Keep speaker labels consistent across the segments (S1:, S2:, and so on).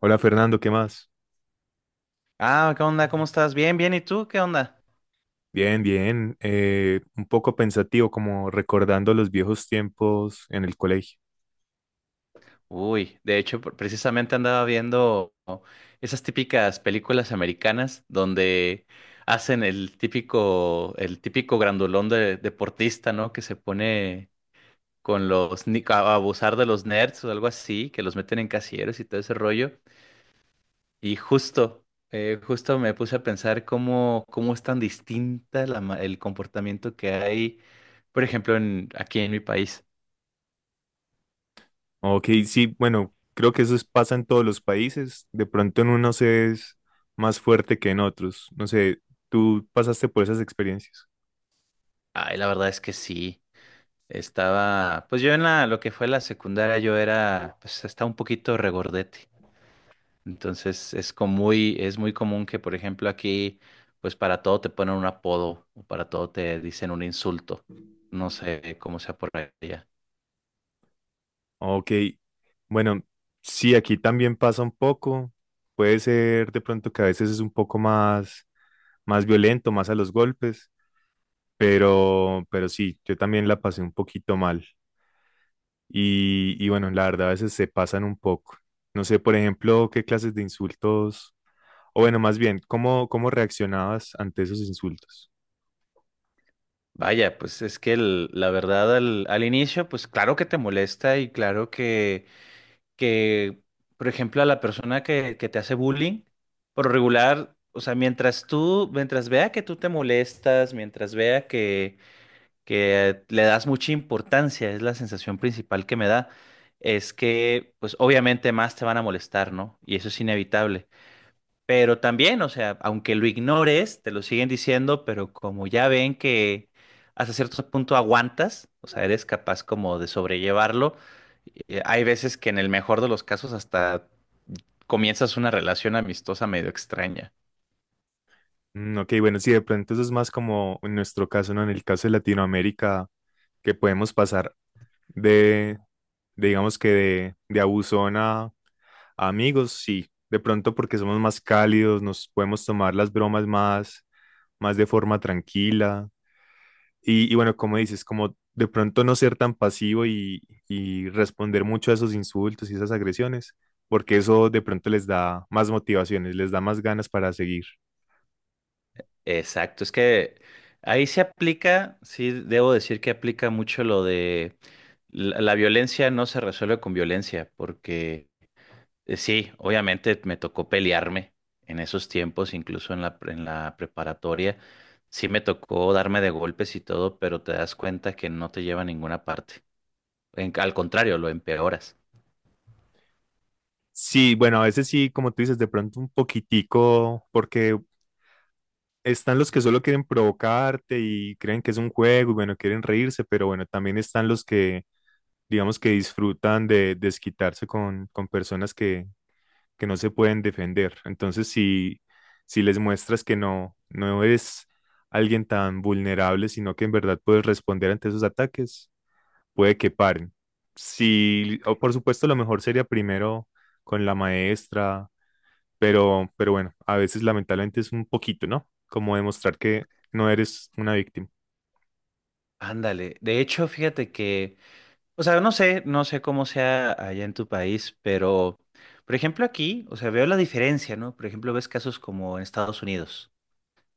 S1: Hola Fernando, ¿qué más?
S2: Ah, ¿qué onda? ¿Cómo estás? Bien, bien. ¿Y tú? ¿Qué onda?
S1: Bien, bien. Un poco pensativo, como recordando los viejos tiempos en el colegio.
S2: Uy, de hecho, precisamente andaba viendo esas típicas películas americanas donde hacen el típico grandulón de deportista, ¿no? Que se pone con los, ni- a abusar de los nerds o algo así, que los meten en casilleros y todo ese rollo. Y justo, justo me puse a pensar cómo, cómo es tan distinta el comportamiento que hay, por ejemplo, en, aquí en mi país.
S1: Ok, sí, bueno, creo que pasa en todos los países. De pronto en unos es más fuerte que en otros. No sé, ¿tú pasaste por esas experiencias?
S2: Ay, la verdad es que sí. Estaba, pues yo en la, lo que fue la secundaria, yo era, pues estaba un poquito regordete. Entonces es como muy, es muy común que, por ejemplo, aquí, pues para todo te ponen un apodo o para todo te dicen un insulto. No sé cómo sea por allá.
S1: Ok, bueno, sí, aquí también pasa un poco. Puede ser de pronto que a veces es un poco más violento, más a los golpes, pero sí, yo también la pasé un poquito mal. Y bueno, la verdad a veces se pasan un poco. No sé, por ejemplo, qué clases de insultos o bueno, más bien, cómo reaccionabas ante esos insultos?
S2: Vaya, pues es que la verdad al, al inicio, pues claro que te molesta y claro que, por ejemplo, a la persona que te hace bullying, por lo regular, o sea, mientras tú, mientras vea que tú te molestas, mientras vea que le das mucha importancia, es la sensación principal que me da, es que, pues obviamente más te van a molestar, ¿no? Y eso es inevitable. Pero también, o sea, aunque lo ignores, te lo siguen diciendo, pero como ya ven que hasta cierto punto aguantas, o sea, eres capaz como de sobrellevarlo, hay veces que en el mejor de los casos hasta comienzas una relación amistosa medio extraña.
S1: Mm, ok, bueno, sí, de pronto eso es más como en nuestro caso, ¿no? En el caso de Latinoamérica, que podemos pasar de, de, digamos que de abusón. Amigos, sí, de pronto porque somos más cálidos, nos podemos tomar las bromas más de forma tranquila. Y bueno, como dices, como de pronto no ser tan pasivo y responder mucho a esos insultos y esas agresiones, porque eso de pronto les da más motivaciones, les da más ganas para seguir.
S2: Exacto, es que ahí se aplica, sí, debo decir que aplica mucho lo de la, la violencia no se resuelve con violencia, porque sí, obviamente me tocó pelearme en esos tiempos, incluso en en la preparatoria, sí me tocó darme de golpes y todo, pero te das cuenta que no te lleva a ninguna parte. Al contrario, lo empeoras.
S1: Sí, bueno, a veces sí, como tú dices, de pronto un poquitico, porque están los que solo quieren provocarte y creen que es un juego, y bueno, quieren reírse, pero bueno, también están los que, digamos, que disfrutan de desquitarse con personas que no se pueden defender. Entonces, si les muestras que no eres alguien tan vulnerable, sino que en verdad puedes responder ante esos ataques, puede que paren. Si, o por supuesto, lo mejor sería primero con la maestra, pero bueno, a veces lamentablemente es un poquito, ¿no? Como demostrar que no eres una víctima.
S2: Ándale, de hecho, fíjate que. O sea, no sé, no sé cómo sea allá en tu país, pero, por ejemplo, aquí, o sea, veo la diferencia, ¿no? Por ejemplo, ves casos como en Estados Unidos,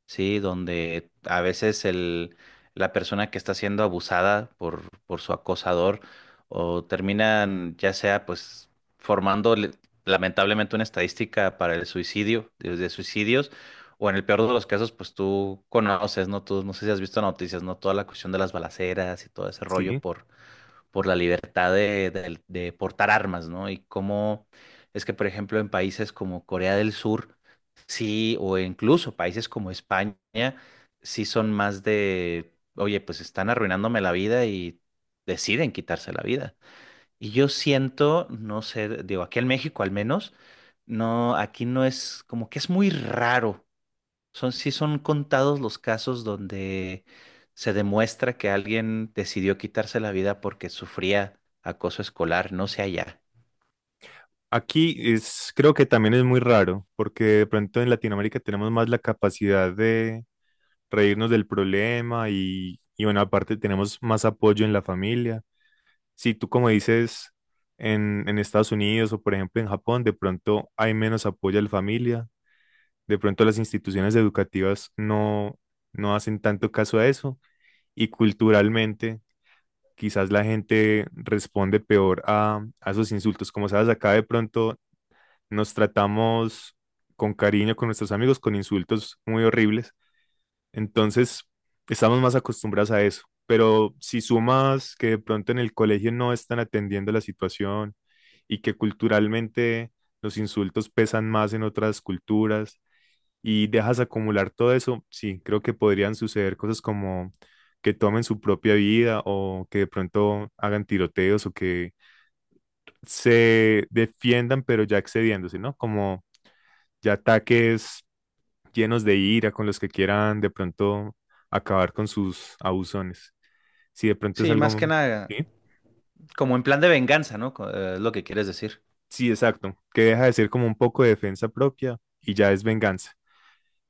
S2: ¿sí? Donde a veces el, la persona que está siendo abusada por su acosador o terminan, ya sea, pues, formando le- lamentablemente una estadística para el suicidio, de suicidios, o en el peor de los casos, pues tú conoces, ¿no? Tú, no sé si has visto noticias, ¿no? Toda la cuestión de las balaceras y todo ese rollo
S1: Sí.
S2: por la libertad de, de portar armas, ¿no? Y cómo es que, por ejemplo, en países como Corea del Sur, sí, o incluso países como España, sí son más de, oye, pues están arruinándome la vida y deciden quitarse la vida. Y yo siento, no sé, digo, aquí en México al menos, no, aquí no es, como que es muy raro, son, sí son contados los casos donde se demuestra que alguien decidió quitarse la vida porque sufría acoso escolar, no sé allá.
S1: Aquí es, creo que también es muy raro, porque de pronto en Latinoamérica tenemos más la capacidad de reírnos del problema y bueno, aparte tenemos más apoyo en la familia. Si tú como dices en Estados Unidos o por ejemplo en Japón, de pronto hay menos apoyo a la familia, de pronto las instituciones educativas no hacen tanto caso a eso y culturalmente quizás la gente responde peor a esos insultos. Como sabes, acá de pronto nos tratamos con cariño con nuestros amigos, con insultos muy horribles. Entonces, estamos más acostumbrados a eso. Pero si sumas que de pronto en el colegio no están atendiendo la situación y que culturalmente los insultos pesan más en otras culturas, y dejas acumular todo eso, sí, creo que podrían suceder cosas como que tomen su propia vida o que de pronto hagan tiroteos o que se defiendan pero ya excediéndose, ¿no? Como ya ataques llenos de ira con los que quieran de pronto acabar con sus abusones. Si de pronto es
S2: Sí, más que
S1: algo...
S2: nada,
S1: Sí,
S2: como en plan de venganza, ¿no? Es lo que quieres decir.
S1: sí, exacto, que deja de ser como un poco de defensa propia y ya es venganza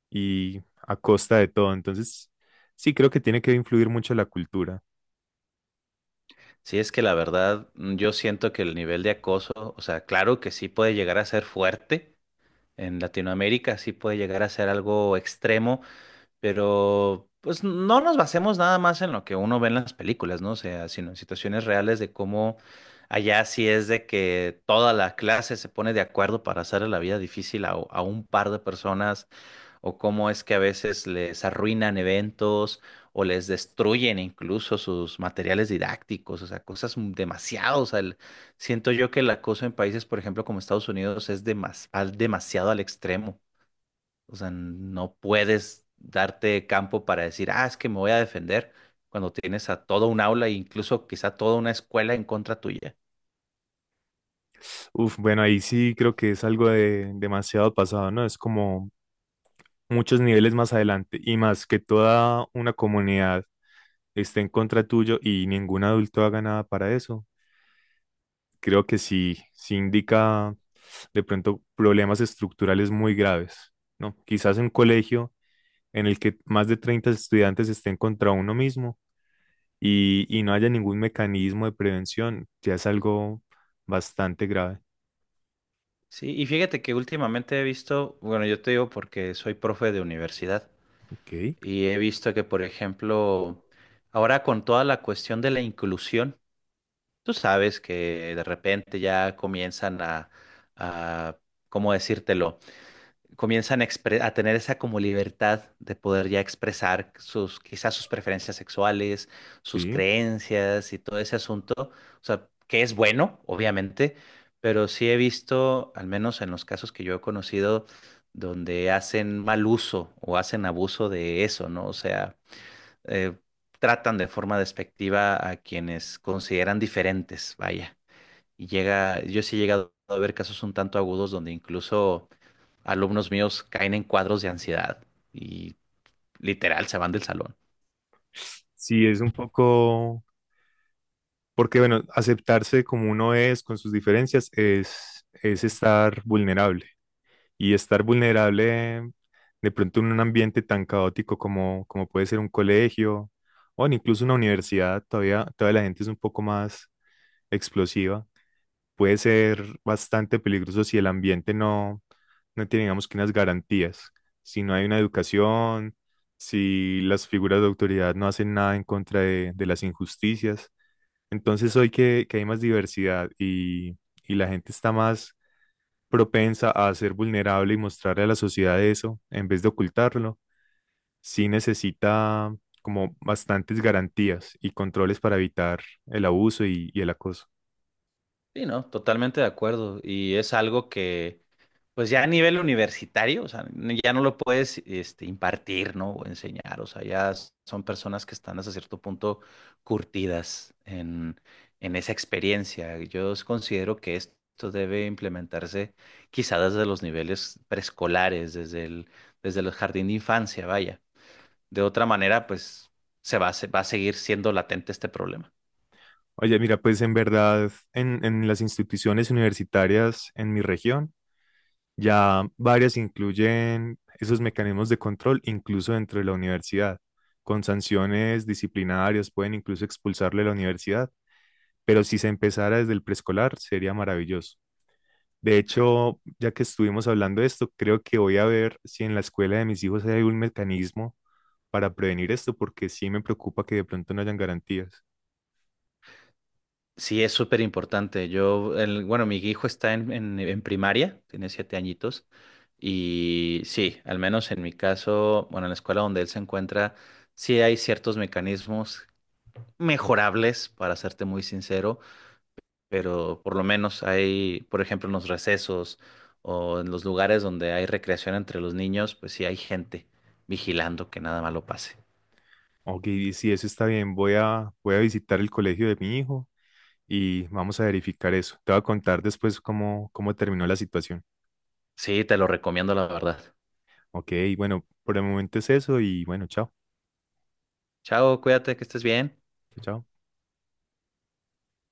S1: y a costa de todo. Entonces, sí, creo que tiene que influir mucho la cultura.
S2: Sí, es que la verdad, yo siento que el nivel de acoso, o sea, claro que sí puede llegar a ser fuerte en Latinoamérica, sí puede llegar a ser algo extremo. Pero pues no nos basemos nada más en lo que uno ve en las películas, ¿no? O sea, sino en situaciones reales de cómo allá sí es de que toda la clase se pone de acuerdo para hacerle la vida difícil a un par de personas, o cómo es que a veces les arruinan eventos o les destruyen incluso sus materiales didácticos, o sea, cosas demasiado, o sea, siento yo que el acoso en países, por ejemplo, como Estados Unidos, es demasiado al extremo. O sea, no puedes darte campo para decir, ah, es que me voy a defender cuando tienes a toda un aula e incluso quizá toda una escuela en contra tuya.
S1: Uf, bueno, ahí sí creo que es algo de demasiado pasado, ¿no? Es como muchos niveles más adelante y más que toda una comunidad esté en contra tuyo y ningún adulto haga nada para eso. Creo que sí, sí indica de pronto problemas estructurales muy graves, ¿no? Quizás un colegio en el que más de 30 estudiantes estén contra uno mismo y no haya ningún mecanismo de prevención, ya es algo bastante grave.
S2: Sí, y fíjate que últimamente he visto, bueno, yo te digo porque soy profe de universidad
S1: Ok,
S2: y he visto que, por ejemplo, ahora con toda la cuestión de la inclusión, tú sabes que de repente ya comienzan a, ¿cómo decírtelo? Comienzan a, a tener esa como libertad de poder ya expresar sus, quizás sus preferencias sexuales, sus
S1: sí.
S2: creencias y todo ese asunto. O sea, que es bueno, obviamente, pero sí he visto, al menos en los casos que yo he conocido, donde hacen mal uso o hacen abuso de eso, ¿no? O sea, eh, tratan de forma despectiva a quienes consideran diferentes, vaya. Y llega, yo sí he llegado a ver casos un tanto agudos donde incluso alumnos míos caen en cuadros de ansiedad y literal se van del salón.
S1: Sí, es un poco, porque bueno, aceptarse como uno es con sus diferencias es estar vulnerable. Y estar vulnerable de pronto en un ambiente tan caótico como puede ser un colegio o incluso una universidad, todavía la gente es un poco más explosiva, puede ser bastante peligroso si el ambiente no tiene, digamos, que unas garantías, si no hay una educación, si las figuras de autoridad no hacen nada en contra de las injusticias. Entonces hoy que hay más diversidad y la gente está más propensa a ser vulnerable y mostrarle a la sociedad eso, en vez de ocultarlo, sí necesita como bastantes garantías y controles para evitar el abuso y el acoso.
S2: Sí, no, totalmente de acuerdo. Y es algo que, pues ya a nivel universitario, o sea, ya no lo puedes, este, impartir, ¿no? O enseñar. O sea, ya son personas que están hasta cierto punto curtidas en esa experiencia. Yo considero que esto debe implementarse quizá desde los niveles preescolares, desde el jardín de infancia, vaya. De otra manera, pues se va a seguir siendo latente este problema.
S1: Oye, mira, pues en verdad, en las instituciones universitarias en mi región, ya varias incluyen esos mecanismos de control, incluso dentro de la universidad, con sanciones disciplinarias, pueden incluso expulsarle de la universidad, pero si se empezara desde el preescolar, sería maravilloso. De hecho, ya que estuvimos hablando de esto, creo que voy a ver si en la escuela de mis hijos hay algún mecanismo para prevenir esto, porque sí me preocupa que de pronto no hayan garantías.
S2: Sí, es súper importante. Yo, bueno, mi hijo está en primaria, tiene 7 añitos, y sí, al menos en mi caso, bueno, en la escuela donde él se encuentra, sí hay ciertos mecanismos mejorables, para serte muy sincero, pero por lo menos hay, por ejemplo, en los recesos o en los lugares donde hay recreación entre los niños, pues sí hay gente vigilando que nada malo pase.
S1: Ok, sí, eso está bien. Voy voy a visitar el colegio de mi hijo y vamos a verificar eso. Te voy a contar después cómo terminó la situación.
S2: Sí, te lo recomiendo, la verdad.
S1: Ok, bueno, por el momento es eso y bueno, chao.
S2: Chao, cuídate, que estés bien.
S1: Chao. Chao.